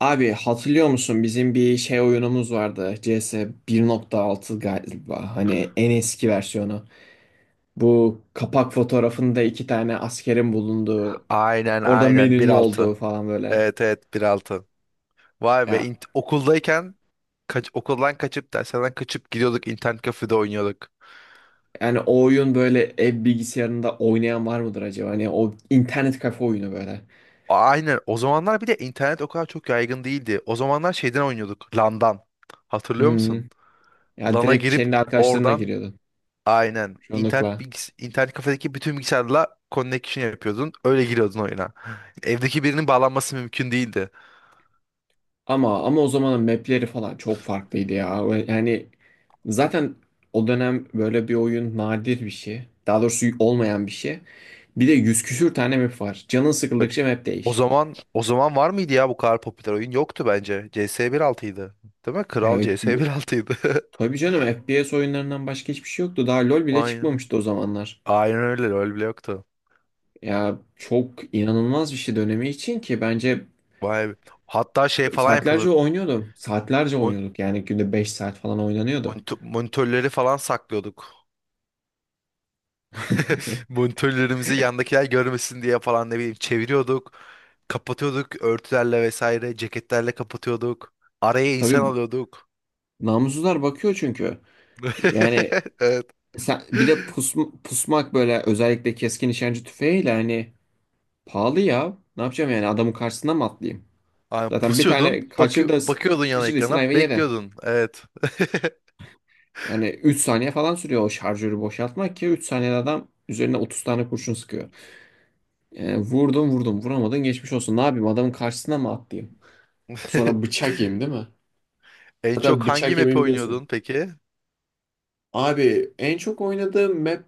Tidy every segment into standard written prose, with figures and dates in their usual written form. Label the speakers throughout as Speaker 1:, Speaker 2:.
Speaker 1: Abi hatırlıyor musun bizim bir şey oyunumuz vardı C S bir nokta altı galiba hani en eski versiyonu. Bu kapak fotoğrafında iki tane askerin bulunduğu
Speaker 2: Aynen
Speaker 1: orada
Speaker 2: aynen bir
Speaker 1: menünün
Speaker 2: altı.
Speaker 1: olduğu falan böyle.
Speaker 2: Evet evet 1.6. Vay be,
Speaker 1: Ya
Speaker 2: okuldayken okuldan kaçıp derslerden kaçıp gidiyorduk internet kafede oynuyorduk.
Speaker 1: yani o oyun böyle ev bilgisayarında oynayan var mıdır acaba? Hani o internet kafe oyunu böyle.
Speaker 2: Aynen o zamanlar bir de internet o kadar çok yaygın değildi. O zamanlar şeyden oynuyorduk LAN'dan. Hatırlıyor musun?
Speaker 1: Hmm. Ya
Speaker 2: LAN'a
Speaker 1: direkt
Speaker 2: girip
Speaker 1: kendi arkadaşlarına
Speaker 2: oradan
Speaker 1: giriyordun
Speaker 2: aynen internet
Speaker 1: çoğunlukla.
Speaker 2: internet kafedeki bütün bilgisayarla connection yapıyordun. Öyle giriyordun oyuna. Evdeki birinin bağlanması mümkün değildi.
Speaker 1: Ama o zamanın mapleri falan çok farklıydı ya. Ve yani zaten o dönem böyle bir oyun nadir bir şey. Daha doğrusu olmayan bir şey. Bir de yüz küsür tane map var. Canın
Speaker 2: Evet.
Speaker 1: sıkıldıkça map
Speaker 2: O
Speaker 1: değiş.
Speaker 2: zaman o zaman var mıydı ya bu kadar popüler oyun? Yoktu bence. CS 1.6'ydı. Değil mi? Kral
Speaker 1: Ya,
Speaker 2: CS 1.6'ydı.
Speaker 1: tabii canım FPS oyunlarından başka hiçbir şey yoktu. Daha LoL bile
Speaker 2: Aynen.
Speaker 1: çıkmamıştı o zamanlar.
Speaker 2: Aynen öyle. Öyle bile yoktu.
Speaker 1: Ya çok inanılmaz bir şey dönemi için ki bence
Speaker 2: Vay be. Hatta şey falan
Speaker 1: saatlerce
Speaker 2: yapıyorduk.
Speaker 1: oynuyordum. Saatlerce
Speaker 2: Mon-
Speaker 1: oynuyorduk. Yani günde 5 saat falan oynanıyordu.
Speaker 2: monitörleri falan saklıyorduk. Monitörlerimizi yandakiler görmesin diye falan ne bileyim çeviriyorduk. Kapatıyorduk örtülerle vesaire. Ceketlerle kapatıyorduk. Araya insan
Speaker 1: Tabii
Speaker 2: alıyorduk.
Speaker 1: namussuzlar bakıyor çünkü. Yani
Speaker 2: Evet.
Speaker 1: sen, bir de pusmak böyle özellikle keskin nişancı tüfeğiyle hani pahalı ya. Ne yapacağım yani adamın karşısına mı atlayayım?
Speaker 2: Aynen
Speaker 1: Zaten bir
Speaker 2: pusuyordun,
Speaker 1: tane kaçırdı,
Speaker 2: bakıyordun yana
Speaker 1: kaçırdıysan
Speaker 2: ekrana,
Speaker 1: ayva yedin.
Speaker 2: bekliyordun. Evet.
Speaker 1: Yani 3 saniye falan sürüyor o şarjörü boşaltmak ki 3 saniyede adam üzerine 30 tane kurşun sıkıyor. Yani vurdum vurdum vuramadın geçmiş olsun. Ne yapayım adamın karşısına mı atlayayım? Sonra bıçak yiyeyim değil mi?
Speaker 2: En çok
Speaker 1: Hatta
Speaker 2: hangi
Speaker 1: bıçak yemeyi
Speaker 2: map'i
Speaker 1: biliyorsun.
Speaker 2: oynuyordun peki?
Speaker 1: Abi en çok oynadığım map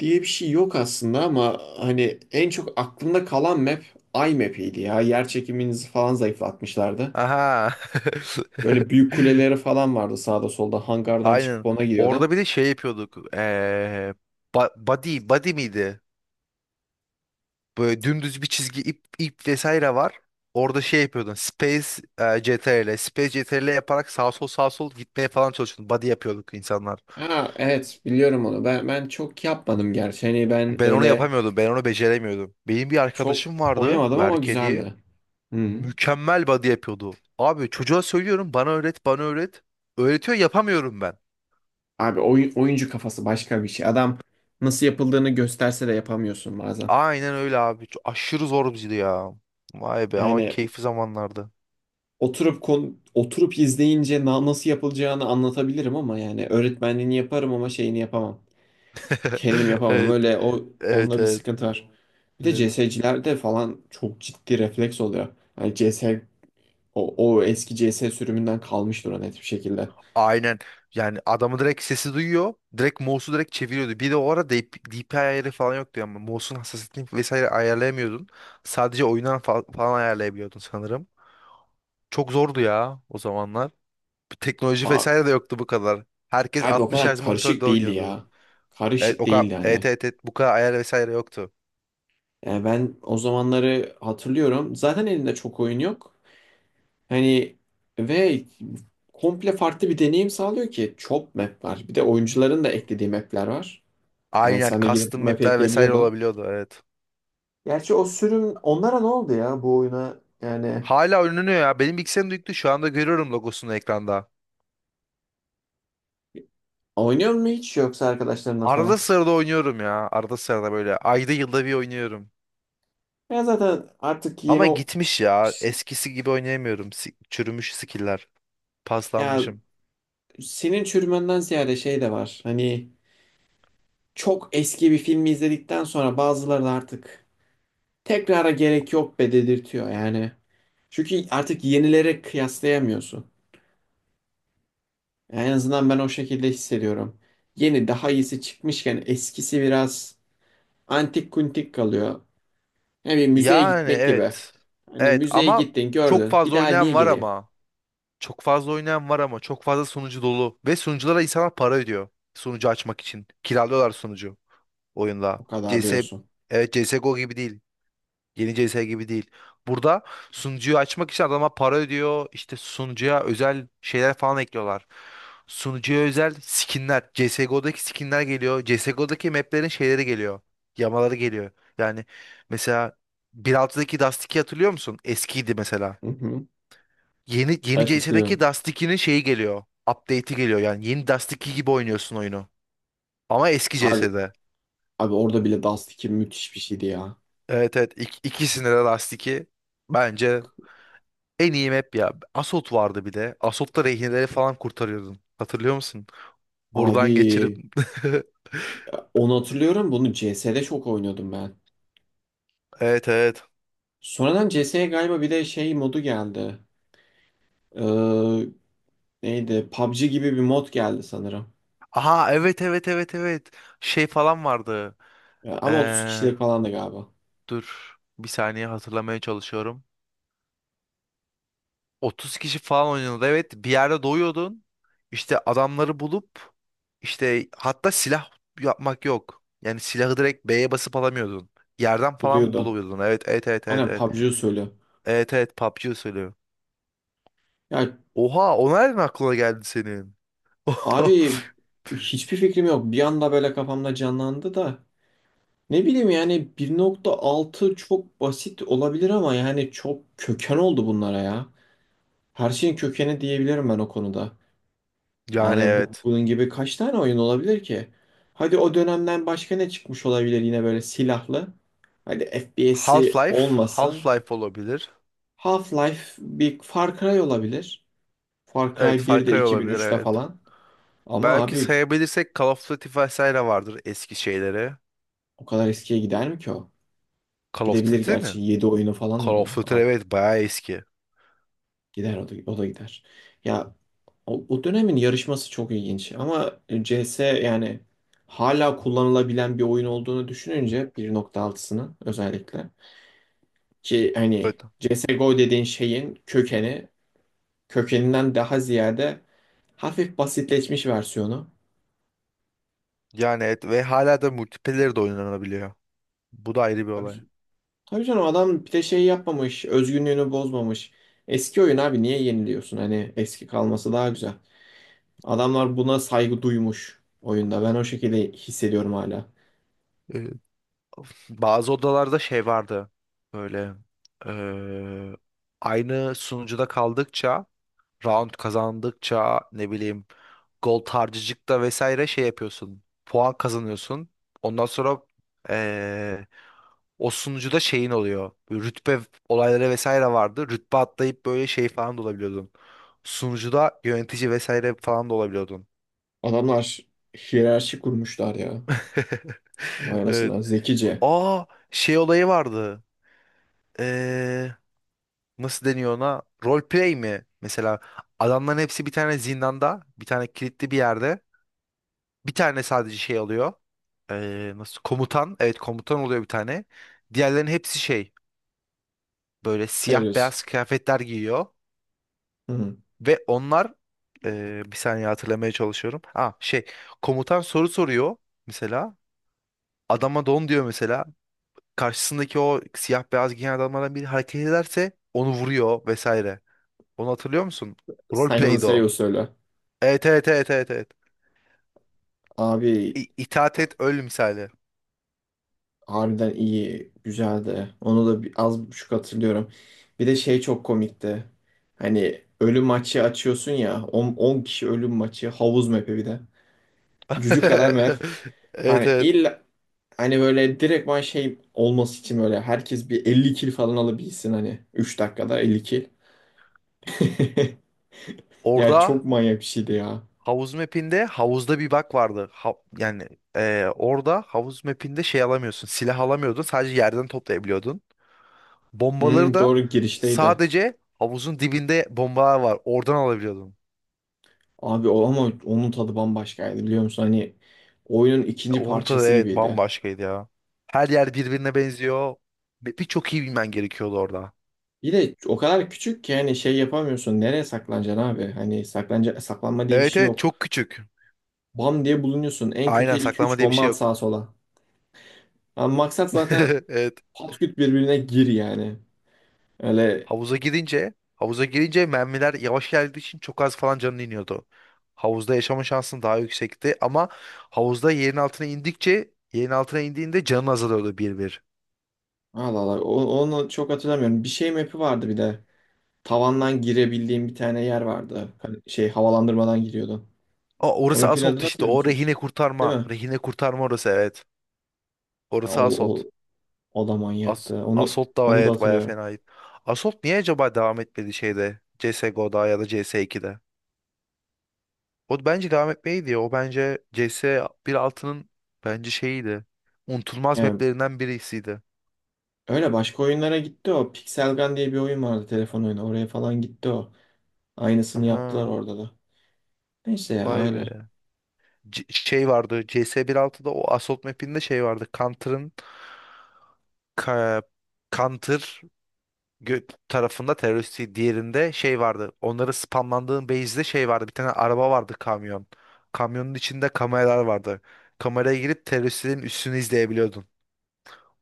Speaker 1: diye bir şey yok aslında ama hani en çok aklımda kalan map iMap'iydi ya. Yer çekiminizi falan zayıflatmışlardı.
Speaker 2: Aha.
Speaker 1: Böyle büyük kuleleri falan vardı sağda solda hangardan çıkıp
Speaker 2: Aynen.
Speaker 1: ona
Speaker 2: Orada
Speaker 1: gidiyordun.
Speaker 2: bir de şey yapıyorduk. Body miydi? Böyle dümdüz bir çizgi ip vesaire var. Orada şey yapıyordun. Space CTRL, Space CTRL yaparak sağ sol sağ sol gitmeye falan çalışıyordun. Body yapıyorduk insanlar.
Speaker 1: Ha evet biliyorum onu. Ben çok yapmadım gerçi. Hani ben
Speaker 2: Ben onu
Speaker 1: öyle
Speaker 2: yapamıyordum. Ben onu beceremiyordum. Benim bir
Speaker 1: çok
Speaker 2: arkadaşım vardı.
Speaker 1: oynamadım ama
Speaker 2: Berke diye.
Speaker 1: güzeldi. Hı.
Speaker 2: Mükemmel body yapıyordu. Abi çocuğa söylüyorum bana öğret bana öğret. Öğretiyor yapamıyorum ben.
Speaker 1: Abi oyuncu kafası başka bir şey. Adam nasıl yapıldığını gösterse de yapamıyorsun bazen.
Speaker 2: Aynen öyle abi. Çok aşırı zor bizdi ya. Vay be ama
Speaker 1: Yani
Speaker 2: keyifli zamanlardı.
Speaker 1: oturup oturup izleyince nasıl yapılacağını anlatabilirim ama yani öğretmenliğini yaparım ama şeyini yapamam. Kendim yapamam.
Speaker 2: Evet.
Speaker 1: Öyle o
Speaker 2: Evet
Speaker 1: onda bir
Speaker 2: evet.
Speaker 1: sıkıntı var. Bir de
Speaker 2: Evet.
Speaker 1: CS'cilerde falan çok ciddi refleks oluyor. Yani CS o eski CS sürümünden kalmıştır o net bir şekilde.
Speaker 2: Aynen. Yani adamı direkt sesi duyuyor. Direkt mouse'u direkt çeviriyordu. Bir de o ara DPI ayarı falan yoktu ama mouse'un hassasiyetini vesaire ayarlayamıyordun. Sadece oyundan falan ayarlayabiliyordun sanırım. Çok zordu ya o zamanlar. Teknoloji
Speaker 1: Aa,
Speaker 2: vesaire de yoktu bu kadar. Herkes
Speaker 1: abi o
Speaker 2: 60
Speaker 1: kadar
Speaker 2: Hz monitörde
Speaker 1: karışık değildi
Speaker 2: oynuyordu.
Speaker 1: ya.
Speaker 2: Evet
Speaker 1: Karışık
Speaker 2: o kadar
Speaker 1: değildi
Speaker 2: evet
Speaker 1: hani.
Speaker 2: evet, evet, bu kadar ayar vesaire yoktu.
Speaker 1: Yani ben o zamanları hatırlıyorum. Zaten elimde çok oyun yok. Hani ve komple farklı bir deneyim sağlıyor ki çok map var. Bir de oyuncuların da eklediği map'ler var. Yani
Speaker 2: Aynen
Speaker 1: sen de gidip
Speaker 2: custom
Speaker 1: map
Speaker 2: map'ler vesaire
Speaker 1: ekleyebiliyordun.
Speaker 2: olabiliyordu evet.
Speaker 1: Gerçi o sürüm onlara ne oldu ya bu oyuna? Yani
Speaker 2: Hala oynanıyor ya. Benim bilgisayarım yüklü şu anda görüyorum logosunu ekranda.
Speaker 1: oynuyor mu hiç yoksa arkadaşlarına
Speaker 2: Arada
Speaker 1: falan?
Speaker 2: sırada oynuyorum ya. Arada sırada böyle ayda yılda bir oynuyorum.
Speaker 1: Ya zaten artık yeni
Speaker 2: Ama gitmiş ya.
Speaker 1: ş-
Speaker 2: Eskisi gibi oynayamıyorum. Çürümüş skill'ler.
Speaker 1: ya
Speaker 2: Paslanmışım.
Speaker 1: senin çürümenden ziyade şey de var. Hani çok eski bir filmi izledikten sonra bazıları da artık tekrara gerek yok be dedirtiyor yani. Çünkü artık yenilere kıyaslayamıyorsun. En azından ben o şekilde hissediyorum. Yeni daha iyisi çıkmışken eskisi biraz antik kuntik kalıyor. Yani bir müzeye
Speaker 2: Yani
Speaker 1: gitmek gibi.
Speaker 2: evet.
Speaker 1: Hani
Speaker 2: Evet
Speaker 1: müzeye
Speaker 2: ama
Speaker 1: gittin
Speaker 2: çok
Speaker 1: gördün bir
Speaker 2: fazla
Speaker 1: daha niye
Speaker 2: oynayan var
Speaker 1: gireyim?
Speaker 2: ama. Çok fazla oynayan var ama çok fazla sunucu dolu. Ve sunuculara insanlar para ödüyor. Sunucu açmak için. Kiralıyorlar sunucu oyunla.
Speaker 1: O kadar
Speaker 2: CS,
Speaker 1: diyorsun.
Speaker 2: evet CSGO gibi değil. Yeni CS gibi değil. Burada sunucuyu açmak için adama para ödüyor. İşte sunucuya özel şeyler falan ekliyorlar. Sunucuya özel skinler. CSGO'daki skinler geliyor. CSGO'daki maplerin şeyleri geliyor. Yamaları geliyor. Yani mesela 1.6'daki Dust 2 hatırlıyor musun? Eskiydi mesela.
Speaker 1: Hı hı.
Speaker 2: Yeni
Speaker 1: Evet
Speaker 2: CS'deki
Speaker 1: hatırlıyorum.
Speaker 2: Dust 2'nin şeyi geliyor. Update'i geliyor yani. Yeni Dust 2 gibi oynuyorsun oyunu. Ama eski
Speaker 1: Abi,
Speaker 2: CS'de.
Speaker 1: abi, orada bile Dust 2 müthiş bir şeydi ya.
Speaker 2: Evet evet ikisinde de Dust 2 bence en iyi map ya. Assault vardı bir de. Assault'ta rehineleri falan kurtarıyordun. Hatırlıyor musun?
Speaker 1: Abi
Speaker 2: Buradan geçirip
Speaker 1: onu hatırlıyorum bunu CS'de çok oynuyordum ben.
Speaker 2: Evet evet.
Speaker 1: Sonradan CS'ye galiba bir de şey modu geldi. Ee, Neydi? PUBG gibi bir mod geldi sanırım.
Speaker 2: Aha evet evet evet evet. Şey falan vardı.
Speaker 1: Ya, ama 30
Speaker 2: Ee,
Speaker 1: kişilik falan da galiba.
Speaker 2: dur bir saniye hatırlamaya çalışıyorum. 30 kişi falan oynuyordu. Evet bir yerde doyuyordun. İşte adamları bulup işte hatta silah yapmak yok. Yani silahı direkt B'ye basıp alamıyordun. Yerden falan
Speaker 1: Buluyordun.
Speaker 2: buluyordun. Evet evet evet evet
Speaker 1: Aynen
Speaker 2: evet.
Speaker 1: PUBG usulü.
Speaker 2: Evet evet PUBG söylüyor.
Speaker 1: Ya
Speaker 2: Oha o nereden aklına geldi senin?
Speaker 1: abi hiçbir fikrim yok. Bir anda böyle kafamda canlandı da. Ne bileyim yani 1.6 çok basit olabilir ama yani çok köken oldu bunlara ya. Her şeyin kökeni diyebilirim ben o konuda.
Speaker 2: Yani
Speaker 1: Yani bu,
Speaker 2: evet.
Speaker 1: bunun gibi kaç tane oyun olabilir ki? Hadi o dönemden başka ne çıkmış olabilir yine böyle silahlı? Hadi FPS'i olmasın.
Speaker 2: Half-Life olabilir.
Speaker 1: Half-Life bir Far Cry olabilir. Far
Speaker 2: Evet
Speaker 1: Cry
Speaker 2: Far
Speaker 1: bir de
Speaker 2: Cry olabilir
Speaker 1: 2003'te
Speaker 2: evet.
Speaker 1: falan. Ama
Speaker 2: Belki
Speaker 1: abi
Speaker 2: sayabilirsek Call of Duty vesaire vardır eski şeyleri.
Speaker 1: o kadar eskiye gider mi ki o?
Speaker 2: Call of
Speaker 1: Gidebilir
Speaker 2: Duty mi?
Speaker 1: gerçi. Yedi oyunu falan var
Speaker 2: Call of
Speaker 1: onun.
Speaker 2: Duty
Speaker 1: Al.
Speaker 2: evet bayağı eski.
Speaker 1: Gider o da, o da gider. Ya o dönemin yarışması çok ilginç. Ama CS yani hala kullanılabilen bir oyun olduğunu düşününce 1.6'sının özellikle. Ki hani
Speaker 2: Evet.
Speaker 1: CSGO dediğin şeyin kökeni kökeninden daha ziyade hafif basitleşmiş versiyonu.
Speaker 2: Yani et ve hala da multiplayer de oynanabiliyor. Bu da ayrı bir olay.
Speaker 1: Abi tabii canım adam bir de şey yapmamış, özgünlüğünü bozmamış. Eski oyun abi niye yeniliyorsun? Hani eski kalması daha güzel. Adamlar buna saygı duymuş oyunda. Ben o şekilde hissediyorum hala.
Speaker 2: Evet. Bazı odalarda şey vardı. Böyle eee, aynı sunucuda kaldıkça, round kazandıkça ne bileyim gol tarcıcıkta vesaire şey yapıyorsun. Puan kazanıyorsun. Ondan sonra eee o sunucuda şeyin oluyor. Böyle rütbe olayları vesaire vardı. Rütbe atlayıp böyle şey falan da olabiliyordun. Sunucuda yönetici vesaire falan da olabiliyordun.
Speaker 1: Adamlar hiyerarşi kurmuşlar ya. Vay
Speaker 2: Evet.
Speaker 1: anasına zekice.
Speaker 2: Aa, şey olayı vardı. Ee, nasıl deniyor ona? Roleplay mi? Mesela adamların hepsi bir tane zindanda, bir tane kilitli bir yerde. Bir tane sadece şey alıyor. Nasıl komutan? Evet komutan oluyor bir tane. Diğerlerinin hepsi şey böyle siyah
Speaker 1: Terörist.
Speaker 2: beyaz kıyafetler giyiyor
Speaker 1: Hı.
Speaker 2: ve onlar bir saniye hatırlamaya çalışıyorum. Ha şey komutan soru soruyor mesela. Adama don diyor mesela. Karşısındaki o siyah beyaz giyen adamlardan biri hareket ederse onu vuruyor vesaire. Onu hatırlıyor musun?
Speaker 1: Simon
Speaker 2: Roleplay'di o.
Speaker 1: Sayo söyle.
Speaker 2: Evet evet evet evet evet.
Speaker 1: Abi
Speaker 2: İtaat et öl misali.
Speaker 1: harbiden iyi, güzeldi. Onu da bir, az buçuk hatırlıyorum. Bir de şey çok komikti. Hani ölüm maçı açıyorsun ya. 10 kişi ölüm maçı. Havuz map'i bir de. Cücük kadar map.
Speaker 2: Evet
Speaker 1: Hani
Speaker 2: evet.
Speaker 1: illa hani böyle direktman şey olması için böyle herkes bir 50 kill falan alabilsin hani. 3 dakikada 50 kill. Ya
Speaker 2: Orada
Speaker 1: çok manyak bir şeydi ya.
Speaker 2: havuz mapinde havuzda bir bug vardı. Yani, orada havuz mapinde şey alamıyorsun. Silah alamıyordun. Sadece yerden toplayabiliyordun. Bombaları
Speaker 1: Hmm,
Speaker 2: da
Speaker 1: doğru girişteydi.
Speaker 2: sadece havuzun dibinde bombalar var. Oradan alabiliyordun.
Speaker 1: Abi o ama onun tadı bambaşkaydı biliyor musun? Hani oyunun
Speaker 2: E,
Speaker 1: ikinci
Speaker 2: Onun tadı
Speaker 1: parçası
Speaker 2: evet
Speaker 1: gibiydi.
Speaker 2: bambaşkaydı ya. Her yer birbirine benziyor. Ve birçok iyi bilmen gerekiyordu orada.
Speaker 1: Bir de o kadar küçük ki hani şey yapamıyorsun. Nereye saklanacaksın abi? Hani saklanca saklanma diye bir
Speaker 2: Evet
Speaker 1: şey
Speaker 2: evet
Speaker 1: yok.
Speaker 2: çok küçük.
Speaker 1: Bam diye bulunuyorsun. En kötü
Speaker 2: Aynen
Speaker 1: iki
Speaker 2: saklama
Speaker 1: üç
Speaker 2: diye bir
Speaker 1: bomba
Speaker 2: şey
Speaker 1: at
Speaker 2: yok.
Speaker 1: sağa sola. Ama maksat zaten
Speaker 2: Evet.
Speaker 1: pat küt birbirine gir yani. Öyle
Speaker 2: Havuza girince mermiler yavaş geldiği için çok az falan canın iniyordu. Havuzda yaşama şansın daha yüksekti ama havuzda yerin altına indikçe yerin altına indiğinde canın azalıyordu bir bir.
Speaker 1: Allah Allah. Onu çok hatırlamıyorum. Bir şey map'i vardı bir de. Tavandan girebildiğim bir tane yer vardı. Hani şey havalandırmadan giriyordun.
Speaker 2: Aa,
Speaker 1: O
Speaker 2: orası
Speaker 1: map'in adını
Speaker 2: Assault işte
Speaker 1: hatırlıyor
Speaker 2: o
Speaker 1: musun?
Speaker 2: rehine
Speaker 1: Değil
Speaker 2: kurtarma.
Speaker 1: mi?
Speaker 2: Rehine kurtarma orası evet.
Speaker 1: Ya
Speaker 2: Orası
Speaker 1: O,
Speaker 2: Assault.
Speaker 1: o, o da manyaktı. Onu
Speaker 2: Assault da
Speaker 1: onu da
Speaker 2: evet bayağı
Speaker 1: hatırlıyorum.
Speaker 2: fenaydı. Assault niye acaba devam etmedi şeyde CSGO'da ya da CS2'de? O bence devam etmeydi. O bence C S 1.6'nın bence şeyiydi. Unutulmaz
Speaker 1: Yani
Speaker 2: maplerinden birisiydi.
Speaker 1: öyle başka oyunlara gitti o. Pixel Gun diye bir oyun vardı telefon oyunu. Oraya falan gitti o. Aynısını yaptılar
Speaker 2: Aha
Speaker 1: orada da. Neyse ya
Speaker 2: vay
Speaker 1: öyle.
Speaker 2: be. Şey vardı C S 1.6'da o Assault mapinde şey vardı. Counter'ın ka- Counter tarafında teröristi diğerinde şey vardı. Onları spamlandığın base'de şey vardı. Bir tane araba vardı kamyon. Kamyonun içinde kameralar vardı. Kameraya girip teröristlerin üstünü izleyebiliyordun.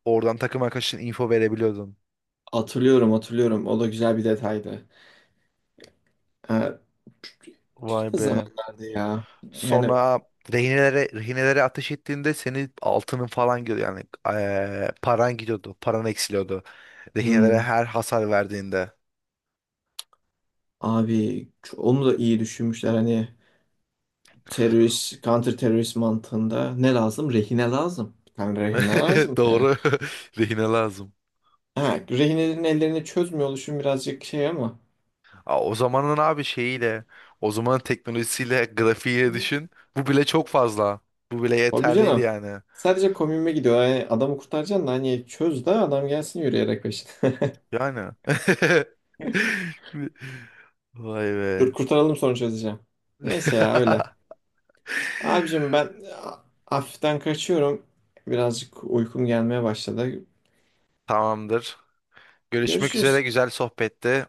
Speaker 2: Oradan takım arkadaşına info verebiliyordun.
Speaker 1: Hatırlıyorum hatırlıyorum. O da güzel bir detaydı. Ee,
Speaker 2: Vay
Speaker 1: Güzel
Speaker 2: be.
Speaker 1: zamanlardı ya. Yani
Speaker 2: Sonra rehinelere ateş ettiğinde senin altının falan gidiyor yani paran gidiyordu, paran eksiliyordu. Rehinelere
Speaker 1: hmm,
Speaker 2: her hasar verdiğinde.
Speaker 1: abi onu da iyi düşünmüşler hani terörist, counter terörist mantığında ne lazım? Rehine lazım. Bir tane rehine lazım.
Speaker 2: Doğru. Rehine lazım.
Speaker 1: Ha, rehinelerin ellerini çözmüyor oluşum birazcık şey ama.
Speaker 2: Aa, o zamanın abi şeyiyle, o zamanın teknolojisiyle, grafiğiyle düşün. Bu bile çok fazla. Bu bile
Speaker 1: Abi
Speaker 2: yeterliydi
Speaker 1: canım.
Speaker 2: yani.
Speaker 1: Sadece komünme gidiyor. Yani adamı kurtaracaksın da hani çöz de adam gelsin yürüyerek peşine.
Speaker 2: Yani. Vay
Speaker 1: Dur
Speaker 2: be.
Speaker 1: kurtaralım sonra çözeceğim. Neyse ya öyle. Abicim ben hafiften kaçıyorum. Birazcık uykum gelmeye başladı.
Speaker 2: Tamamdır. Görüşmek üzere.
Speaker 1: Görüşürüz.
Speaker 2: Güzel sohbetti.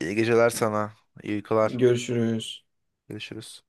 Speaker 2: İyi geceler sana. İyi uykular.
Speaker 1: Görüşürüz.
Speaker 2: Görüşürüz.